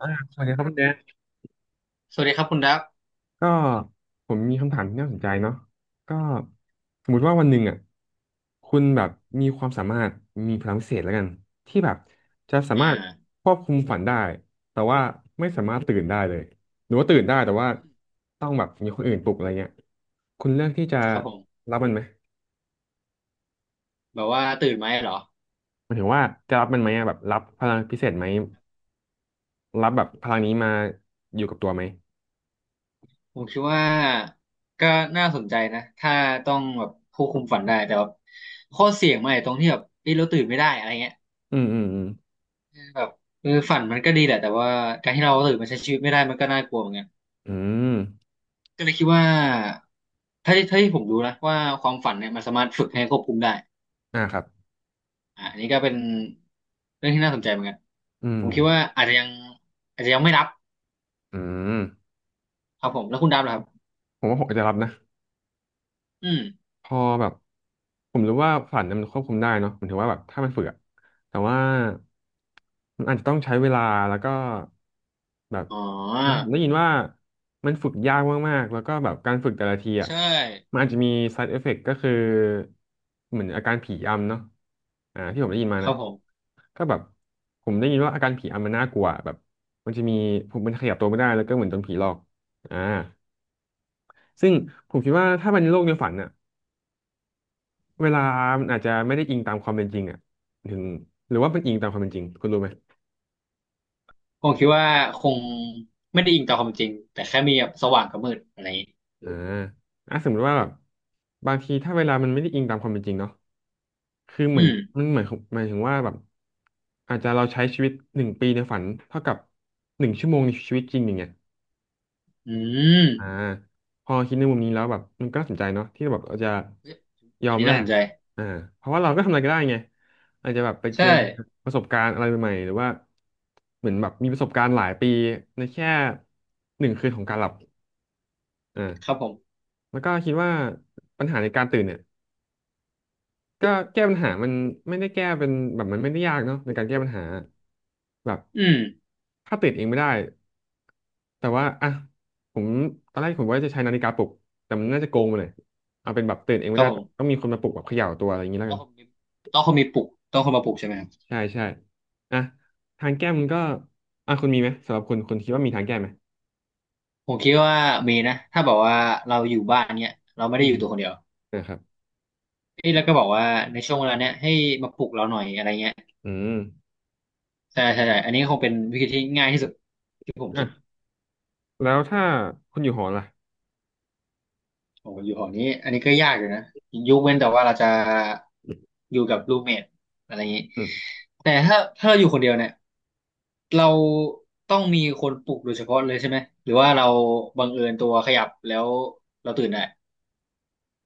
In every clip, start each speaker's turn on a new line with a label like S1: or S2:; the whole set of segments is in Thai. S1: อ่าสวัสดีครับคุณแดน
S2: สวัสดีครับคุณดับ
S1: ก็ผมมีคำถามที่น่าสนใจเนาะก็สมมุติว่าวันหนึ่งอ่ะคุณแบบมีความสามารถมีพลังพิเศษแล้วกันที่แบบจะสา
S2: อ่า
S1: มารถควบคุมฝันได้แต่ว่าไม่สามารถตื่นได้เลยหรือว่าตื่นได้แต่ว่า
S2: อืม
S1: ต้องแบบมีคนอื่นปลุกอะไรเงี้ยคุณเลือกที่จะ
S2: ครับผม
S1: รับมันไหม
S2: แบบว่าตื่นไหมเหรอ
S1: หมันถึงว่าจะรับมันไหมอะแบบรับพลังพิเศษไหมรับแบบพลังนี้มาอยู่กับตัวไหม
S2: ผมคิดว่าก็น่าสนใจนะถ้าต้องแบบควบคุมฝันได้แต่แบบข้อเสี่ยงมันไอาตรงที่แบบเอ้ยเราตื่นไม่ได้อะไรเงี้ย
S1: อืมอืมอืม
S2: แบบเออฝันมันก็ดีแหละแต่ว่าการที่เราตื่นมาใช้ชีวิตไม่ได้มันก็น่ากลัวเหมือนกัน
S1: อืม
S2: ก็เลยคิดว่าถ้าที่ผมรู้นะว่าความฝันเนี่ยมันสามารถฝึกให้ควบคุมได้
S1: อ่าครับ
S2: อ่าอันนี้ก็เป็นเรื่องที่น่าสนใจเหมือนกัน
S1: อื
S2: ผ
S1: ม
S2: มคิดว่าอาจจะยังไม่รับ
S1: อืม
S2: ครับผมแล้วคุณดับเหรอครับ
S1: ผมว่าผมอาจจะรับนะ
S2: อืม
S1: พอแบบผมรู้ว่าฝันเนี่ยมันควบคุมได้เนาะผมถือว่าแบบถ้ามันฝึกอะแต่ว่ามันอาจจะต้องใช้เวลาแล้วก็แบบ
S2: อ๋อ
S1: ผมได้ยินว่ามันฝึกยากมากๆแล้วก็แบบการฝึกแต่ละทีอะ
S2: ใช่
S1: มันอาจจะมี side effect ก็คือเหมือนอาการผีอำเนาะอ่าที่ผมได้ยินมา
S2: ครั
S1: นะ
S2: บผม
S1: ก็แบบผมได้ยินว่าอาการผีอำมันน่ากลัวแบบมันจะมีผมมันขยับตัวไม่ได้แล้วก็เหมือนโดนผีหลอกอ่าซึ่งผมคิดว่าถ้ามันโลกในฝันอ่ะ เวลามันอาจจะไม่ได้อิงตามความเป็นจริงอ่ะถึงหรือว่ามันอิงตามความเป็นจริง คุณรู้ไหม
S2: ผมคิดว่าคงไม่ได้อิงต่อความจริงแต่แค่มีแบบสว่างกับมืดอะไรอย่างนี้
S1: อ่าอ่ะสมมติว่าแบบบางทีถ้าเวลามันไม่ได้อิงตามความเป็นจริงเนาะคือเห
S2: อื
S1: มือน
S2: ม
S1: มันเหมือนหมายถึงว่าแบบอาจจะเราใช้ชีวิตหนึ่งปีในฝันเท่ากับหนึ่งชั่วโมงในชีวิตจริงอย่างเงี้ย
S2: อืม
S1: อ่าพอคิดในมุมนี้แล้วแบบมันก็น่าสนใจเนาะที่แบบเราจะ
S2: เฮ้ย
S1: ยอ
S2: อัน
S1: ม
S2: นี้
S1: แล
S2: น่าส
S1: ก
S2: นใจ
S1: อ่าเพราะว่าเราก็ทำอะไรก็ได้ไงอาจจะแบบไปเจ
S2: ใช่
S1: อประสบการณ์อะไรใหม่ๆหรือว่าเหมือนแบบมีประสบการณ์หลายปีในแค่หนึ่งคืนของการหลับอ่า
S2: ครับผม
S1: แล้วก็คิดว่าปัญหาในการตื่นเนี่ย ก็แก้ปัญหามันไม่ได้แก้เป็นแบบมันไม่ได้ยากเนาะในการแก้ปัญหาแบบ
S2: อืม
S1: ถ้าติดเองไม่ได้แต่ว่าอ่ะผมตอนแรกผมว่าจะใช้นาฬิกาปลุกแต่มันน่าจะโกงไปเลยเอาเป็นแบบตื่นเอง
S2: ค
S1: ไม่
S2: รับ
S1: ได้
S2: ผ
S1: ต้
S2: ม
S1: องมีคนมาปลุกแบบเขย่าตัวอะไรอย่างนี้แล้ว
S2: ต้อ
S1: กั
S2: ง
S1: น
S2: คงมีต้องคงมีปลุกต้องคงมาปลุกใช่ไหมครับ
S1: ใช่ใช่อ่ะทางแก้มันก็อ่ะคุณมีไหมสำหรับคุณคิดว่ามีทางแก้ไหม
S2: ผมคิดว่ามีนะถ้าบอกว่าเราอยู่บ้านเนี้ยเราไม่
S1: อื
S2: ได้อ
S1: ม
S2: ยู่ตัวคนเดียว
S1: นะครับ
S2: เอ้ยแล้วก็บอกว่าในช่วงเวลาเนี้ยให้มาปลุกเราหน่อยอะไรเงี้ย
S1: อืม
S2: ใช่ใช่ใช่อันนี้คงเป็นวิธีที่ง่ายที่สุดที่ผมคิ
S1: อ่ะ
S2: ด
S1: แล้วถ้าคุณอยู่หอล่ะ
S2: โอ้อยู่หอนี้อันนี้ก็ยากอยู่นะยกเว้นแต่ว่าเราจะอยู่กับรูเมทอะไรอย่างนี้
S1: อืม
S2: แต่ถ้าเราอยู่คนเดียวเนี่ยเราต้องมีคนปลุกโดยเฉพาะเลยใช่ไหมหรือว่าเราบังเอิญตัวขยับแล้วเราตื่นได้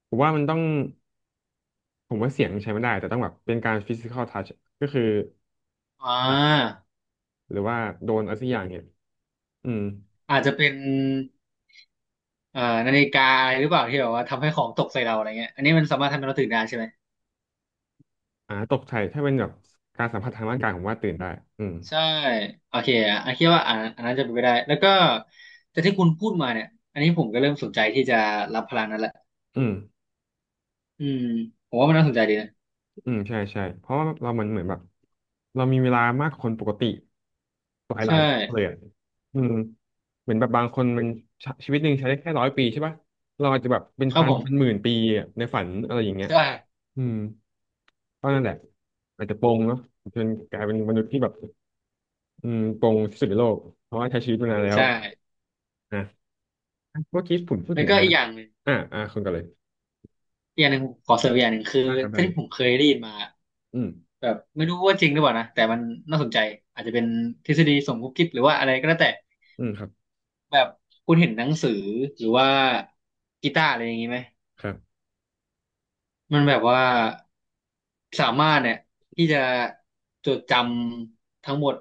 S1: ผมว่ามันต้อง ผมว่าเสียงใช้ไม่ได้แต่ต้องแบบเป็นการ physical touch ก็คือ
S2: อ่า
S1: จับหรือว่าโดนอะไรสักอย่างเนี่ยอืม
S2: อาจจะเป็นเอ่อนาฬิกาอะไรหรือเปล่าที่แบบว่าทำให้ของตกใส่เราอะไรเงี้ยอันนี้มันสามารถทำให้เราตื่นได้ใช่ไหม
S1: อ่าตกใจถ้าเป็นแบบการสัมผัสทางร่างกายผมว่าตื่นได้อืม
S2: ใช่โอเคอ่ะอันคิดว่าอันนั้นจะเป็นไปได้แล้วก็แต่ที่คุณพูดมาเนี่ยอันนี้ผมก็เริ่มสนใจที่จะรับพลังนั้นละ
S1: อืม
S2: อืมผมว่ามันน่าสนใจดีนะ
S1: อืมใช่ใช่เพราะว่าเรามันเหมือนแบบเรามีเวลามากกว่าคนปกติหลายห
S2: ใช่
S1: ลายเลยอะอืมเหมือนแบบบางคนมันชชีวิตหนึ่งใช้ได้แค่100 ปีใช่ป่ะเราอาจจะแบบเป็น
S2: ครับ
S1: พัน
S2: ผ
S1: เป็นห
S2: ม
S1: มื่นปีอะในฝันอะไรอย่างเงี้ย
S2: ใช่
S1: อืมก็นั่นแหละอาจจะโปงเนาะจนกลายเป็นมนุษย์ที่แบบ อืมปงที่สุดในโลกเพราะว่าใช้ชีวิตมานานแล้ว
S2: ใช่
S1: นะเมื่อกี้ผมพูด
S2: แล้
S1: ถึ
S2: ว
S1: งอะ
S2: ก็
S1: ไร
S2: อีกอ
S1: นะ
S2: ย่างหนึ่ง
S1: อ่าคุณก่อนเลย
S2: อีกอย่างหนึ่งผมขอเสริมอีกอย่างหนึ่งคือ
S1: ได้ครับได้
S2: ถ้าที่
S1: เลย
S2: ผมเคยได้ยินมา
S1: อืม
S2: แบบไม่รู้ว่าจริงหรือเปล่านะแต่มันน่าสนใจอาจจะเป็นทฤษฎีสมคบคิดหรือว่าอะไรก็แล้วแต่
S1: อืมครับ
S2: แบบคุณเห็นหนังสือหรือว่ากีตาร์อะไรอย่างนี้ไหม
S1: ครับ
S2: มันแบบว่าสามารถเนี่ยที่จะจดจำทั้งหมด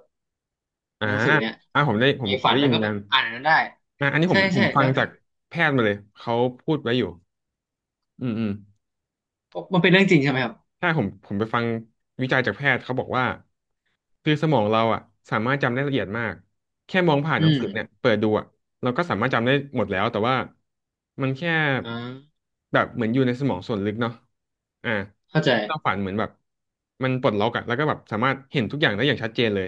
S1: อ่า
S2: หนังสือเนี่ย
S1: อ่าผมได้ผ
S2: ไป
S1: มเค
S2: ฝั
S1: ย
S2: น
S1: ได้
S2: แล้
S1: ยิ
S2: ว
S1: นเห
S2: ก็
S1: มือน
S2: ไป
S1: กัน
S2: อ่านอันนั้นได้
S1: อ่าอันนี้ผ
S2: ใช่
S1: มผ
S2: ใช่
S1: มฟั
S2: แล้
S1: ง
S2: ว
S1: จา
S2: ถ้า
S1: กแพทย์มาเลยเขาพูดไว้อยู่อืมอืม
S2: มันเป็นเรื่องจริงใช่ไหมครับ
S1: ใช่ผมไปฟังวิจัยจากแพทย์เขาบอกว่าคือสมองเราอ่ะสามารถจำได้ละเอียดมากแค่มองผ่าน
S2: อื
S1: หนัง
S2: ม
S1: สือเนี่ยเปิดดูอ่ะเราก็สามารถจำได้หมดแล้วแต่ว่ามันแค่
S2: อ่า
S1: แบบเหมือนอยู่ในสมองส่วนลึกเนาะอ่า
S2: เข้าใจ
S1: ที่เราฝันเหมือนแบบมันปลดล็อกอ่ะแล้วก็แบบสามารถเห็นทุกอย่างได้อย่างชัดเจนเลย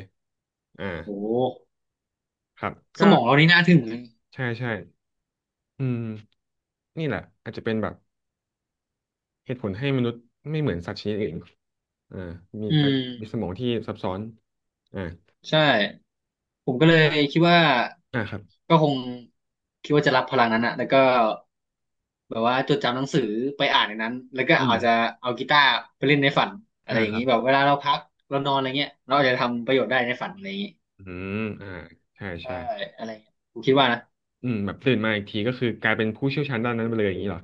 S1: อ่า
S2: โอ้
S1: ครับ
S2: ส
S1: ก็
S2: มองเรานี่น่าถึงเลย
S1: ใช่ใช่อืมนี่แหละอาจจะเป็นแบบ เหตุผลให้มนุษย์ไม่เหมือนสัตว์ชนิดอื่นอ่ามี
S2: อื
S1: การมีส
S2: ม
S1: มองที่ซับซ้อนอ่า
S2: ใช่ผมก็เลยคิดว่า
S1: อ่าครับ
S2: ก็คงคิดว่าจะรับพลังนั้นอะแล้วก็แบบว่าจดจำหนังสือไปอ่านในนั้นแล้วก็
S1: อื
S2: อา
S1: ม
S2: จจะเอากีตาร์ไปเล่นในฝันอะไร
S1: อ่า
S2: อย่าง
S1: ครั
S2: นี้
S1: บ
S2: แบบเวลาเราพักเรานอนอะไรเงี้ยเราอาจจะทำประโยชน์ได้ในฝันอะไรอย่างนี้
S1: อืมอ่าใช่
S2: ใช่
S1: ใช่
S2: อะไรเงี้ยผมคิดว่านะ
S1: อืมแบบตื่นมาอีกทีก็คือกลายเป็นผู้เชี่ยวชาญด้านนั้นไปเลยอย่างนี้เหรอ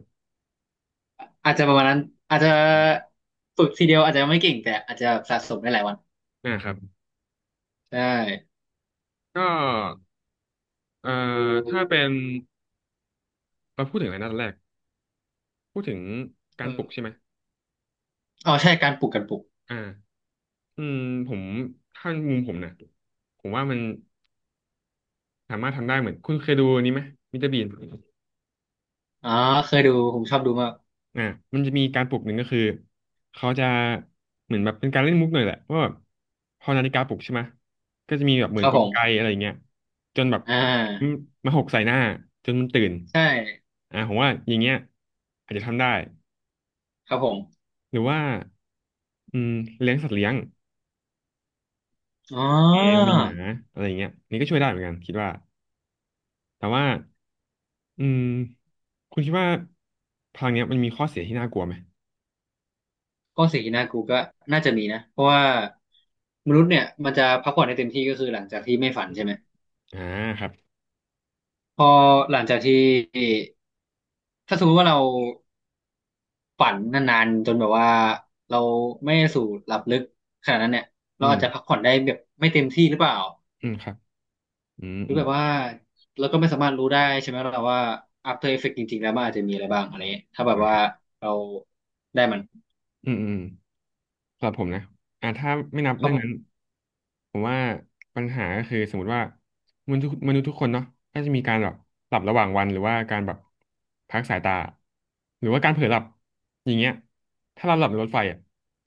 S2: อาจจะประมาณนั้นอาจจะฝึกทีเดียวอาจจะไม่เก่งแต่อาจจะสะสมได้หลายวัน
S1: อ่าครับ
S2: ใช่
S1: ก็เอ่อถ้าเป็นเราพูดถึงอะไรนันแรก พูดถึงกา
S2: เอ
S1: รป
S2: อ
S1: ลุกใช่ไหม
S2: อ๋อใช่การปลูก
S1: อ่าอืมผมถ้ามุมผมนะผมว่ามันสามารถทำได้เหมือนคุณเคยดูอันนี้ไหม มิสเตอร์บีน
S2: อ๋อเคยดูผมชอบดูมาก
S1: อ่ามันจะมีการปลุกหนึ่งก็คือเขาจะเหมือนแบบเป็นการเล่นมุกหน่อยแหละว่าแบบพอนาฬิกาปลุกใช่ไหมก็จะมีแบบเห
S2: ค
S1: มือน
S2: รับ
S1: ก
S2: ผ
S1: ลไก
S2: ม
S1: อะไรอย่างเงี้ยจนแบบ
S2: อ่า
S1: มาหกใส่หน้าจนมันตื่น
S2: ใช่
S1: ผมว่าอย่างเงี้ยอาจจะทำได้
S2: ครับผม
S1: หรือว่าอืมเลี้ยงสัตว์เลี้ยง
S2: อ๋อ
S1: แมวมีหมาอะไรอย่างเงี้ยนี่ก็ช่วยได้เหมือนกันคิดว่าแต่ว่าอืมคุณคิดว่าพลังเนี้ยมันมีข้อเสียที่น่ากลัวไหม
S2: ก็สิ่งที่น่ากลัวก็น่าจะมีนะเพราะว่ามนุษย์เนี่ยมันจะพักผ่อนได้เต็มที่ก็คือหลังจากที่ไม่ฝันใช่ไหม
S1: อ่าครับ
S2: พอหลังจากที่ถ้าสมมติว่าเราฝันนานๆจนแบบว่าเราไม่ได้สู่หลับลึกขนาดนั้นเนี่ยเรา
S1: อื
S2: อา
S1: ม
S2: จจะพักผ่อนได้แบบไม่เต็มที่หรือเปล่า
S1: อืมครับอืม
S2: หรือ
S1: อืม
S2: แบบว่าเราก็ไม่สามารถรู้ได้ใช่ไหมเราว่า After Effect จริงๆแล้วมันอาจจะมีอะไรบ้างอะไรเงี้ยถ้าแบบ
S1: นะค
S2: ว่า
S1: รับ
S2: เราได้มัน
S1: อืมอืมสำหรับผมนะถ้าไม่นับ
S2: ครับ
S1: เรื่อง
S2: ผ
S1: นั้น
S2: ม
S1: ผมว่าปัญหาก็คือสมมติว่ามนุษย์ทุกคนเนาะก็จะมีการแบบหลับระหว่างวันหรือว่าการแบบพักสายตาหรือว่าการเผลอหลับอย่างเงี้ยถ้าเราหลับในรถไฟอ่ะ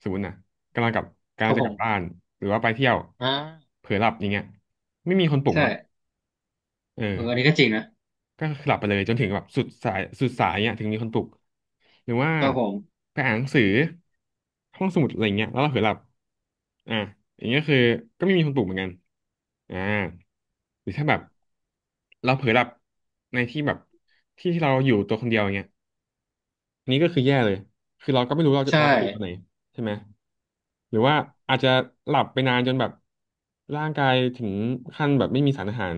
S1: สมมตินะกำลังกลับกำ
S2: ค
S1: ลัง
S2: รับ
S1: จะ
S2: ผ
S1: กลับบ้า
S2: ม
S1: นหรือว่าไปเที่ยว
S2: อ่า
S1: เผลอหลับอย่างเงี้ยไม่มีคนปลุก
S2: ใช่
S1: เนาะเออ
S2: เอออันนี้ก็จริงนะ
S1: ก็หลับไปเลยจนถึงแบบสุดสายเนี่ยถึงมีคนปลุกหรือว่า
S2: ครับผม
S1: ไปอ่านหนังสือห้องสมุดอะไรเงี้ยแล้วเราเผลอหลับอ่าอย่างเงี้ยคือก็ไม่มีคนปลุกเหมือนกันอ่าหรือถ้าแบบเราเผลอหลับในที่แบบที่ที่เราอยู่ตัวคนเดียวอย่างเงี้ยอันนี้ก็คือแย่เลยคือเราก็ไม่รู้
S2: ใช่
S1: เราไปอยู่ตอนไหนใช่ไหมหรือว่าอาจจะหลับไปนานจนแบบร่างกายถึงขั้นแบบไม่มีสารอาหาร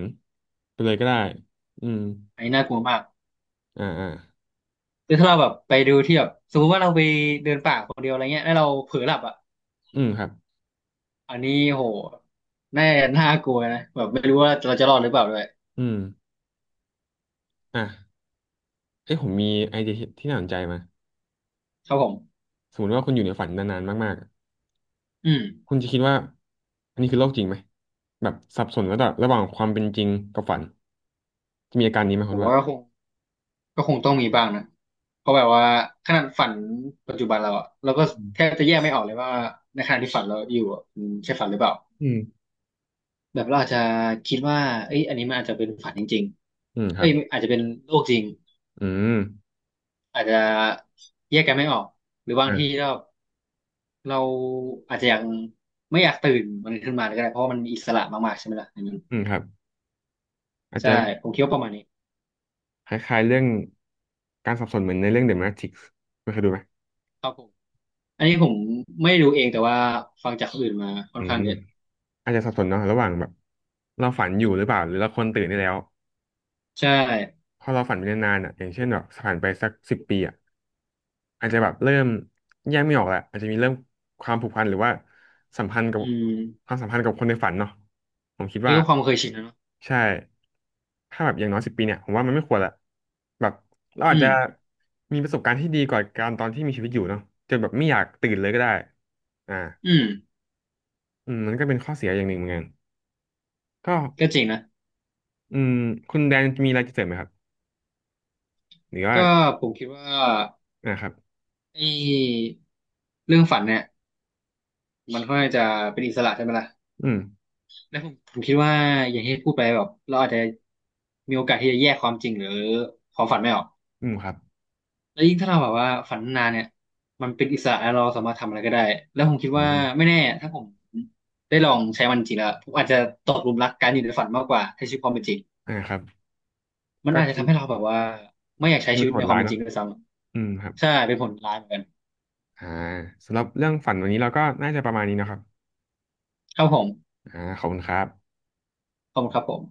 S1: ไปเลยก็ได้อืม
S2: อันนี้น่ากลัวมาก
S1: อ่า
S2: คือถ้าเราแบบไปดูที่แบบสมมติว่าเราไปเดินป่าคนเดียวอะไรเงี้ยแล้วเราเผลอหลับอ่ะ
S1: อืมครับ
S2: อันนี้โหน่าน่ากลัวนะแบบไม่รู้ว่าเราจะรอดหรือเปล่าด้วย
S1: อืมอ่ะเอ้ยผมมีไอเดียที่น่าสนใจมา
S2: ครับผม
S1: สมมติว่าคุณอยู่ในฝันนานๆมากๆอะ
S2: อืม
S1: คุณจะคิดว่าอันนี้คือโลกจริงไหมแบบสับสนระหว่างความเป็นจริงกับฝันจะมีอาการนี้ไหม
S2: ผ
S1: คุณ
S2: ม
S1: ว่า
S2: ว่าก็คง ก็คงต้องมีบ้างนะ เพราะแบบว่าขนาดฝันปัจจุบันเราอะเราก็
S1: อืม
S2: แทบจะแยกไม่ออกเลยว่าในขณะที่ฝันเราอยู่อะมันใช่ฝันหรือเปล่า
S1: อืม
S2: แบบเราอาจจะคิดว่าเอ้ยอันนี้มันอาจจะเป็นฝันจริง
S1: อืม
S2: ๆ
S1: ค
S2: เอ้
S1: รั
S2: ย
S1: บ
S2: อาจจะเป็นโลกจริง
S1: อืม
S2: อาจจะแยกกันไม่ออกหรือบาง
S1: อ่า
S2: ทีเราเราอาจจะยังไม่อยากตื่นมันขึ้นมาเลยก็ได้เพราะว่ามันอิสระมากๆใช่ไหมล่ะอันนั้น
S1: อืมครับอาจ
S2: ใช่
S1: จะ
S2: ผมคิดว่าประมาณนี้
S1: คล้ายๆเรื่องการสับสนเหมือนในเรื่อง The Matrix ไม่เคยดูไหม
S2: ครับผมอันนี้ผมไม่รู้เองแต่ว่าฟังจากคนอื่นมาค่อ
S1: อื
S2: นข้าง
S1: ม
S2: เยอะ
S1: อาจจะสับสนเนาะระหว่างแบบเราฝันอยู่หรือเปล่าหรือเราคนตื่นได้แล้ว
S2: ใช่
S1: พอเราฝันไปนานๆอ่ะอย่างเช่นแบบผ่านไปสักสิบปีอ่ะอาจจะแบบเริ่มแยกไม่ออกแหละอาจจะมีเริ่มความผูกพันหรือว่าสัมพันธ์กั
S2: อื
S1: บค
S2: ม
S1: วามสัมพันธ์กับคนในฝันเนาะผมคิด
S2: นี่
S1: ว่า
S2: ก็ความเคยชินนะเนอะ
S1: ใช่ถ้าแบบอย่างน้อยสิบปีเนี่ยผมว่ามันไม่ควรละแบบเรา
S2: อื
S1: อาจ
S2: ม
S1: จะมีประสบการณ์ที่ดีกว่าการตอนที่มีชีวิตอยู่เนาะจนแบบไม่อยากตื่นเลยก็ได้อ่า
S2: อืม
S1: อืมมันก็เป็นข้อเสียอย่างหนึ่งเหมือนกันก็
S2: ก็จริงนะ
S1: อืมคุณแดนมีอะไรจะเสริมไหมครับหรือว่า
S2: ก็ผมคิดว่า
S1: นะครับ
S2: ไอ้เรื่องฝันเนี่ยมันค่อนข้างจะเป็นอิสระใช่ไหมล่ะ
S1: อืม
S2: แล้วผมคิดว่าอย่างที่พูดไปแบบเราอาจจะมีโอกาสที่จะแยกความจริงหรือความฝันไม่ออก
S1: อืมครับ
S2: แล้วยิ่งถ้าเราแบบว่าฝันนานเนี่ยมันเป็นอิสระแล้วเราสามารถทำอะไรก็ได้แล้วผมคิด
S1: อื
S2: ว่า
S1: ม
S2: ไม่แน่ถ้าผมได้ลองใช้มันจริงแล้วผมอาจจะตกหลุมรักการอยู่ในฝันมากกว่าใช้ชีวิตความเป็นจริง
S1: ครับ
S2: มัน
S1: ก็
S2: อาจจะ
S1: ชี
S2: ทำ
S1: วิต
S2: ให้เราแบบว่าไม่อยากใช้
S1: มั
S2: ชี
S1: น
S2: วิต
S1: โห
S2: ใน
S1: ด
S2: ความ
S1: ร้าย
S2: เป็นจ
S1: เนาะ
S2: ริงด้วยซ้
S1: อืมครับ
S2: ำใช่เป็นผลร้ายเหมือนกัน
S1: อ่าสำหรับเรื่องฝันวันนี้เราก็น่าจะประมาณนี้เนอะครับ
S2: ครับผม
S1: ขอบคุณครับ
S2: ขอบคุณครับผม